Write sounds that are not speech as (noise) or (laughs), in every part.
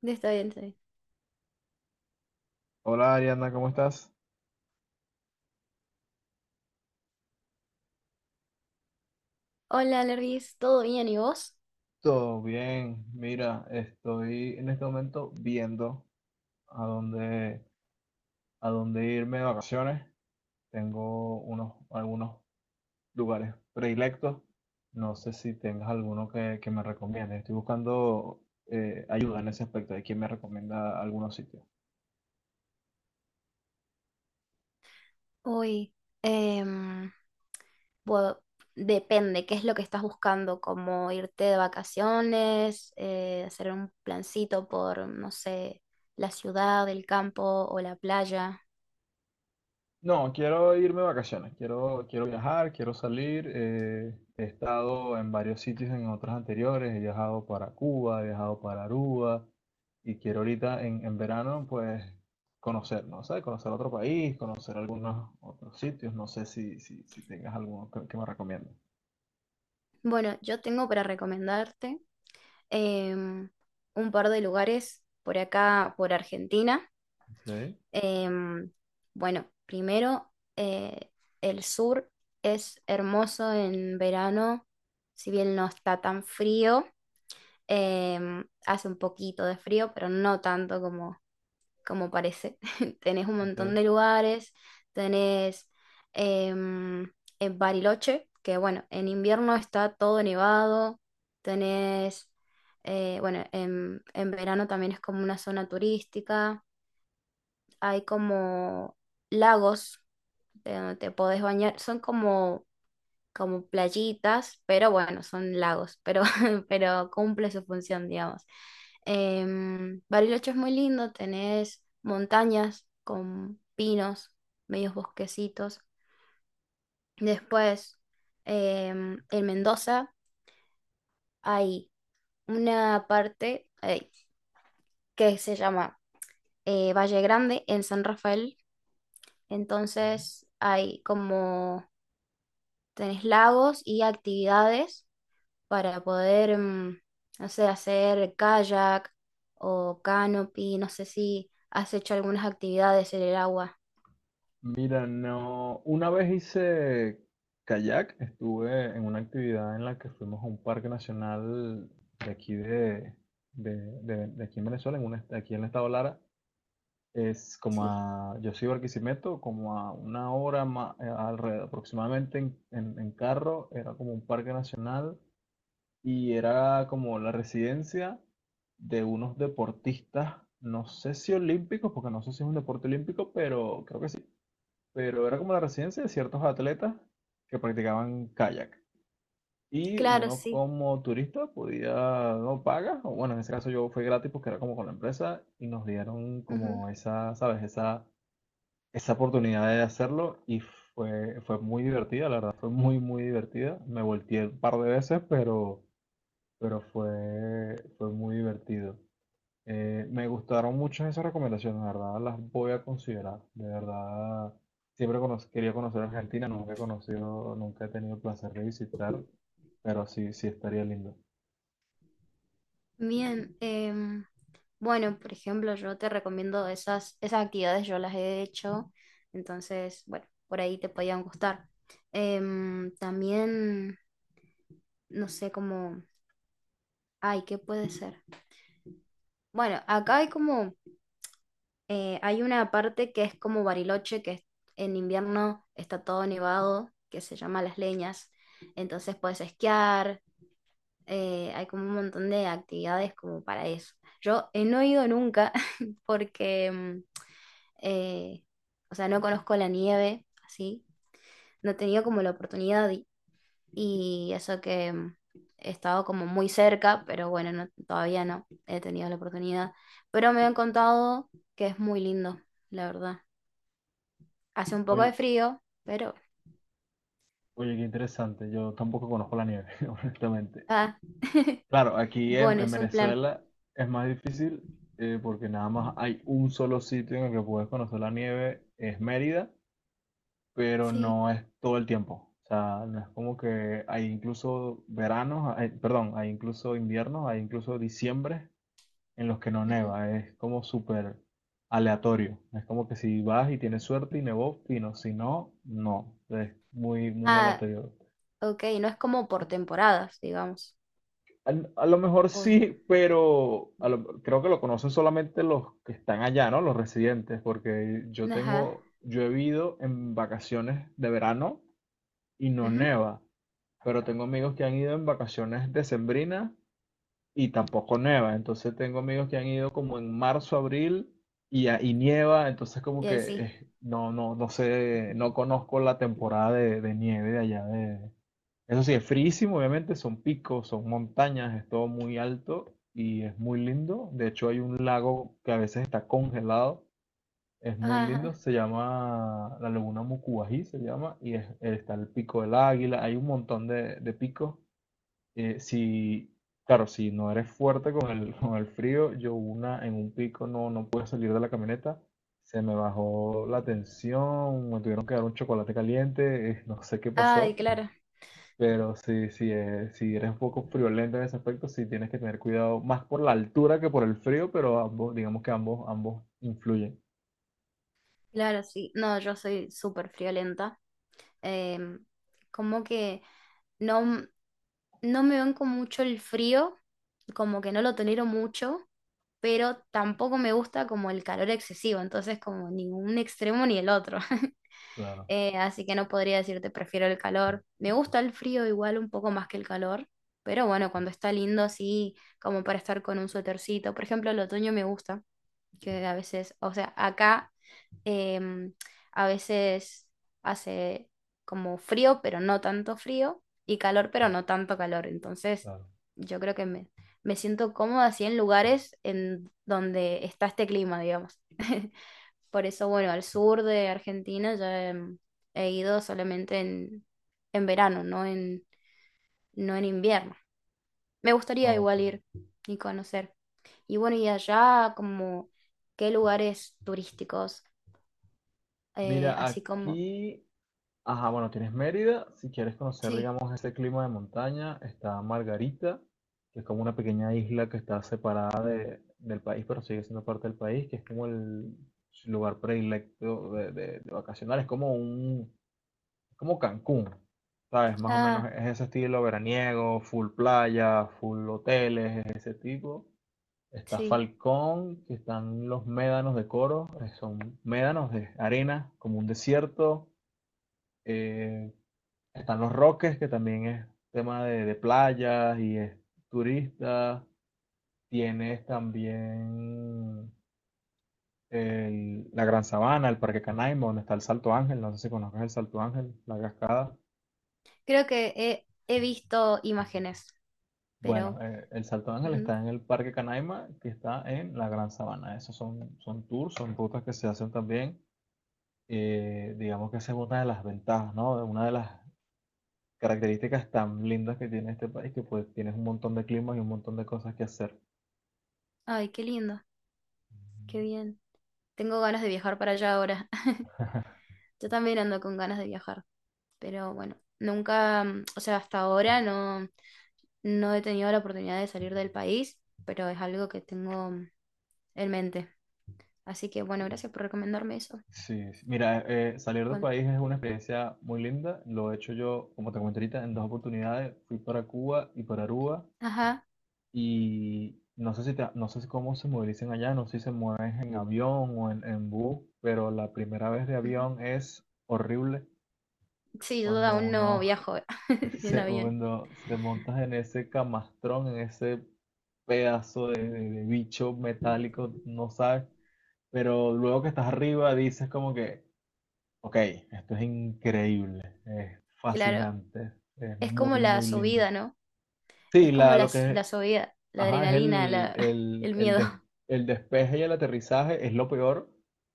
Está bien, está bien. Hola Ariana, ¿cómo estás? Hola, Lervis, ¿todo bien y vos? Todo bien. Mira, estoy en este momento viendo a dónde, a dónde irme de vacaciones. Tengo unos, algunos lugares predilectos. No sé si tengas alguno que me recomiendes. Estoy buscando ayuda en ese aspecto de quién me recomienda algunos sitios. Uy, em, bueno, depende, ¿qué es lo que estás buscando? ¿Como irte de vacaciones, hacer un plancito por, no sé, la ciudad, el campo o la playa? No, quiero irme de vacaciones, quiero viajar, quiero salir. He estado en varios sitios en otras anteriores, he viajado para Cuba, he viajado para Aruba y quiero ahorita en verano pues conocer, ¿no sé? Conocer otro país, conocer algunos otros sitios, no sé si tengas alguno que me recomiendes. Bueno, yo tengo para recomendarte em, un par de lugares por acá, por Argentina. Ok, Em, bueno, primero, el sur es hermoso en verano, si bien no está tan frío, hace un poquito de frío, pero no tanto como, como parece. (laughs) Tenés un ok. montón de lugares, tenés em, en Bariloche, que bueno, en invierno está todo nevado, tenés, bueno, en verano también es como una zona turística, hay como lagos de donde te podés bañar. Son como, como playitas, pero bueno, son lagos, pero (laughs) pero cumple su función, digamos. Bariloche es muy lindo, tenés montañas con pinos, medios bosquecitos. Después, en Mendoza hay una parte que se llama Valle Grande en San Rafael. Entonces hay como, tenés lagos y actividades para poder, no sé, hacer kayak o canopy, no sé si has hecho algunas actividades en el agua. Mira, no, una vez hice kayak, estuve en una actividad en la que fuimos a un parque nacional de aquí de, de, de aquí en Venezuela, en un aquí en el estado Lara, es como Sí, a, yo soy de Barquisimeto, como a una hora alrededor, aproximadamente en carro, era como un parque nacional y era como la residencia de unos deportistas, no sé si olímpicos, porque no sé si es un deporte olímpico, pero creo que sí, pero era como la residencia de ciertos atletas que practicaban kayak. Y claro, uno sí, como turista podía, no paga, o bueno, en ese caso yo fue gratis porque era como con la empresa y nos dieron ujú. como esa, ¿sabes? Esa oportunidad de hacerlo y fue muy divertida, la verdad, fue muy, muy divertida. Me volteé un par de veces, pero fue muy divertido. Me gustaron muchas esas recomendaciones, la verdad, las voy a considerar. De verdad, siempre quería conocer Argentina, nunca he conocido, nunca he tenido el placer de visitar, pero sí, sí estaría lindo. Bien, bueno, por ejemplo, yo te recomiendo esas, esas actividades, yo las he hecho, entonces, bueno, por ahí te podían gustar. También, no sé cómo, ay, ¿qué puede ser? Bueno, acá hay como... hay una parte que es como Bariloche, en invierno está todo nevado, que se llama Las Leñas. Entonces puedes esquiar, hay como un montón de actividades como para eso. Yo no he ido nunca (laughs) porque, eh, o sea, no conozco la nieve, así. No he tenido como la oportunidad y eso que he estado como muy cerca, pero bueno, todavía no he tenido la oportunidad. Pero me han contado que es muy lindo, la verdad. Hace un poco Oye, de frío, pero... oye, qué interesante, yo tampoco conozco la nieve, (laughs) honestamente. Ah. (laughs) Claro, aquí en, Bueno, en es un plan. Venezuela es más difícil porque nada más hay un solo sitio en el que puedes conocer la nieve, es Mérida, pero Sí, no es todo el tiempo. O sea, no es como que hay incluso veranos, perdón, hay incluso inviernos, hay incluso diciembre en los que no ujú. neva. Es como súper aleatorio. No. Es como que si vas y tienes suerte y nevó, fino. Si no, no. Es muy, muy Ah, aleatorio. ok, no es como por temporadas, digamos. A lo mejor O, sí, pero creo que lo conocen solamente los que están allá, ¿no? Los residentes, porque ajá. Yo he vivido en vacaciones de verano y no Ujú, neva, pero tengo amigos que han ido en vacaciones decembrinas y tampoco neva, entonces tengo amigos que han ido como en marzo, abril y, y nieva, entonces como y que ahí sí. No sé, no conozco la temporada de nieve de allá de... Eso sí, es frísimo, obviamente, son picos, son montañas, es todo muy alto y es muy lindo. De hecho, hay un lago que a veces está congelado, es muy lindo, Ajá. se llama la Laguna Mucubají, se llama, y está el Pico del Águila, hay un montón de picos. Si, claro, si no eres fuerte con el, (laughs) con el frío, yo una en un pico no pude salir de la camioneta, se me bajó la tensión, me tuvieron que dar un chocolate caliente, no sé qué Ay, pasó, claro, pero sí, sí, si eres un poco friolento en ese aspecto, sí tienes que tener cuidado, más por la altura que por el frío, pero ambos, digamos que ambos, ambos influyen. claro, sí. No, yo soy súper friolenta. Em, como que no, m- no me banco mucho el frío, como que no lo tolero mucho, pero tampoco me gusta como el calor excesivo, entonces como ningún extremo ni el otro. (laughs) Claro, así que no podría decirte prefiero el calor. Me gusta el frío igual un poco más que el calor, pero bueno, cuando está lindo, sí, como para estar con un suétercito. Por ejemplo, el otoño me gusta, que a veces, o sea, acá Em, a veces hace como frío, pero no tanto frío, y calor, pero no tanto calor. Entonces, claro. yo creo que me siento cómoda así en lugares en donde está este clima, digamos. (laughs) Por eso, bueno, al sur de Argentina ya ido solamente en verano, no en, no en invierno. Me gustaría igual Ok. ir y conocer. Y bueno, y allá como qué lugares turísticos, Mira, así como aquí, ajá, bueno, tienes Mérida, si quieres conocer, sí, digamos, ese clima de montaña, está Margarita, que es como una pequeña isla que está separada del país, pero sigue siendo parte del país, que es como el lugar predilecto de vacacionar, es como un, como Cancún, ¿sabes? Más o menos ah, es ese estilo veraniego, full playa, full hoteles, ese tipo. Está sí. Falcón, que están los médanos de Coro, son médanos de arena, como un desierto. Eh, están los Roques, que también es tema de playas y es turista. Tienes también la Gran Sabana, el Parque Canaima, donde está el Salto Ángel. No sé si conozcas el Salto Ángel, la cascada. Creo que he visto imágenes, Bueno, pero... el Salto Ángel Ujú. está en el Parque Canaima, que está en la Gran Sabana. Esos son, son tours, son rutas que se hacen también. Digamos que esa es una de las ventajas, ¿no? Una de las características tan lindas que tiene este país, que pues tienes un montón de climas y un montón de cosas que hacer. Ay, qué lindo, qué bien. Tengo ganas de viajar para allá ahora. (laughs) Yo también ando con ganas de viajar, pero bueno, nunca, o sea, hasta ahora no, no he tenido la oportunidad de salir del país, pero es algo que tengo en mente. Así que bueno, gracias por recomendarme eso. Sí, sí. Mira, salir del Bueno, país es una experiencia muy linda. Lo he hecho yo, como te comenté ahorita, en dos oportunidades. Fui para Cuba y para Aruba. ajá, Y no sé si no sé si cómo se movilizan allá, no sé si se mueven en avión o en bus, pero la primera vez de ujú. avión es horrible Sí, yo cuando aún no uno. viajo (laughs) en avión. Segundo, te montas en ese camastrón, en ese pedazo de bicho metálico, no sabes, pero luego que estás arriba dices como que, ok, esto es increíble, Claro, fascinante, es es como muy, la muy lindo. subida, ¿no? Es Sí, como la, la, lo que es, la subida, la ajá, es adrenalina, la (laughs) el miedo. El despeje y el aterrizaje es lo peor,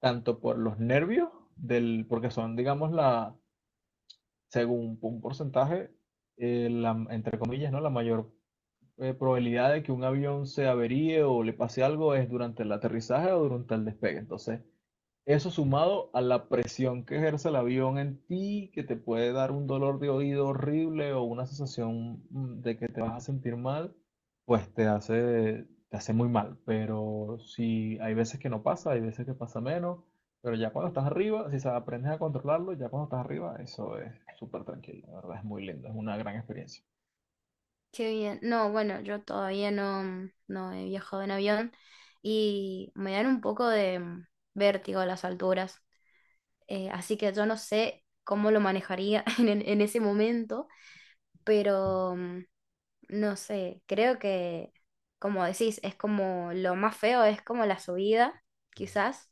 tanto por los nervios, del, porque son, digamos, la, según un porcentaje, la, entre comillas, ¿no? La mayor probabilidad de que un avión se averíe o le pase algo es durante el aterrizaje o durante el despegue. Entonces, eso sumado a la presión que ejerce el avión en ti, que te puede dar un dolor de oído horrible o una sensación de que te vas a sentir mal, pues te hace muy mal. Pero si hay veces que no pasa, hay veces que pasa menos, pero ya cuando estás arriba, si aprendes a controlarlo, ya cuando estás arriba, eso es súper tranquilo, la verdad es muy lindo, es una gran experiencia. Qué bien. No, bueno, yo todavía no, no he viajado en avión y me dan un poco de vértigo las alturas. Así que yo no sé cómo lo manejaría (laughs) en, en ese momento, pero no sé, creo que, como decís, es como lo más feo, es como la subida, quizás,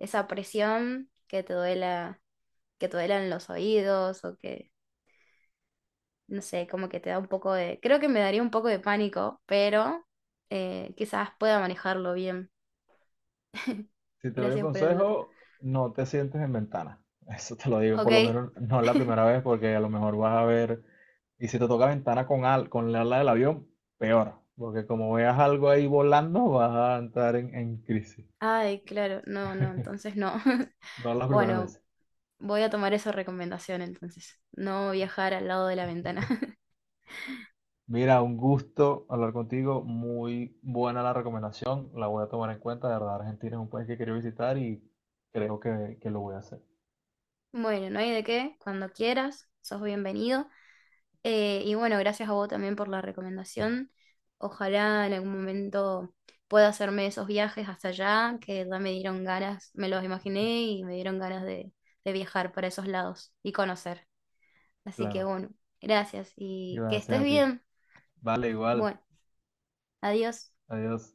esa presión que te duela, que te duelan los oídos o que no sé, como que te da un poco de, creo que me daría un poco de pánico, pero quizás pueda manejarlo bien. Si te doy un Gracias por el dato. consejo, no te sientes en ventana. (laughs) Eso te lo digo, por lo Ok. menos no es la (laughs) primera vez, porque a lo mejor vas a ver, y si te toca ventana con, al, con la ala del avión, peor, porque como veas algo ahí volando, vas a entrar en crisis. Ay, claro, no, no, entonces no. (laughs) No las primeras Bueno, veces. voy a tomar esa recomendación entonces. No viajar al lado de la ventana. (laughs) Mira, un gusto hablar contigo, muy buena la recomendación, la voy a tomar en cuenta, de verdad Argentina es un país que quiero visitar y creo que lo voy a hacer. Bueno, no hay de qué. Cuando quieras, sos bienvenido. Y bueno, gracias a vos también por la recomendación. Ojalá en algún momento pueda hacerme esos viajes hasta allá, que ya me dieron ganas, me los imaginé y me dieron ganas de viajar para esos lados y conocer. Así que Claro, bueno, gracias y que gracias estés a ti. bien. Vale, igual, Bueno, adiós. adiós.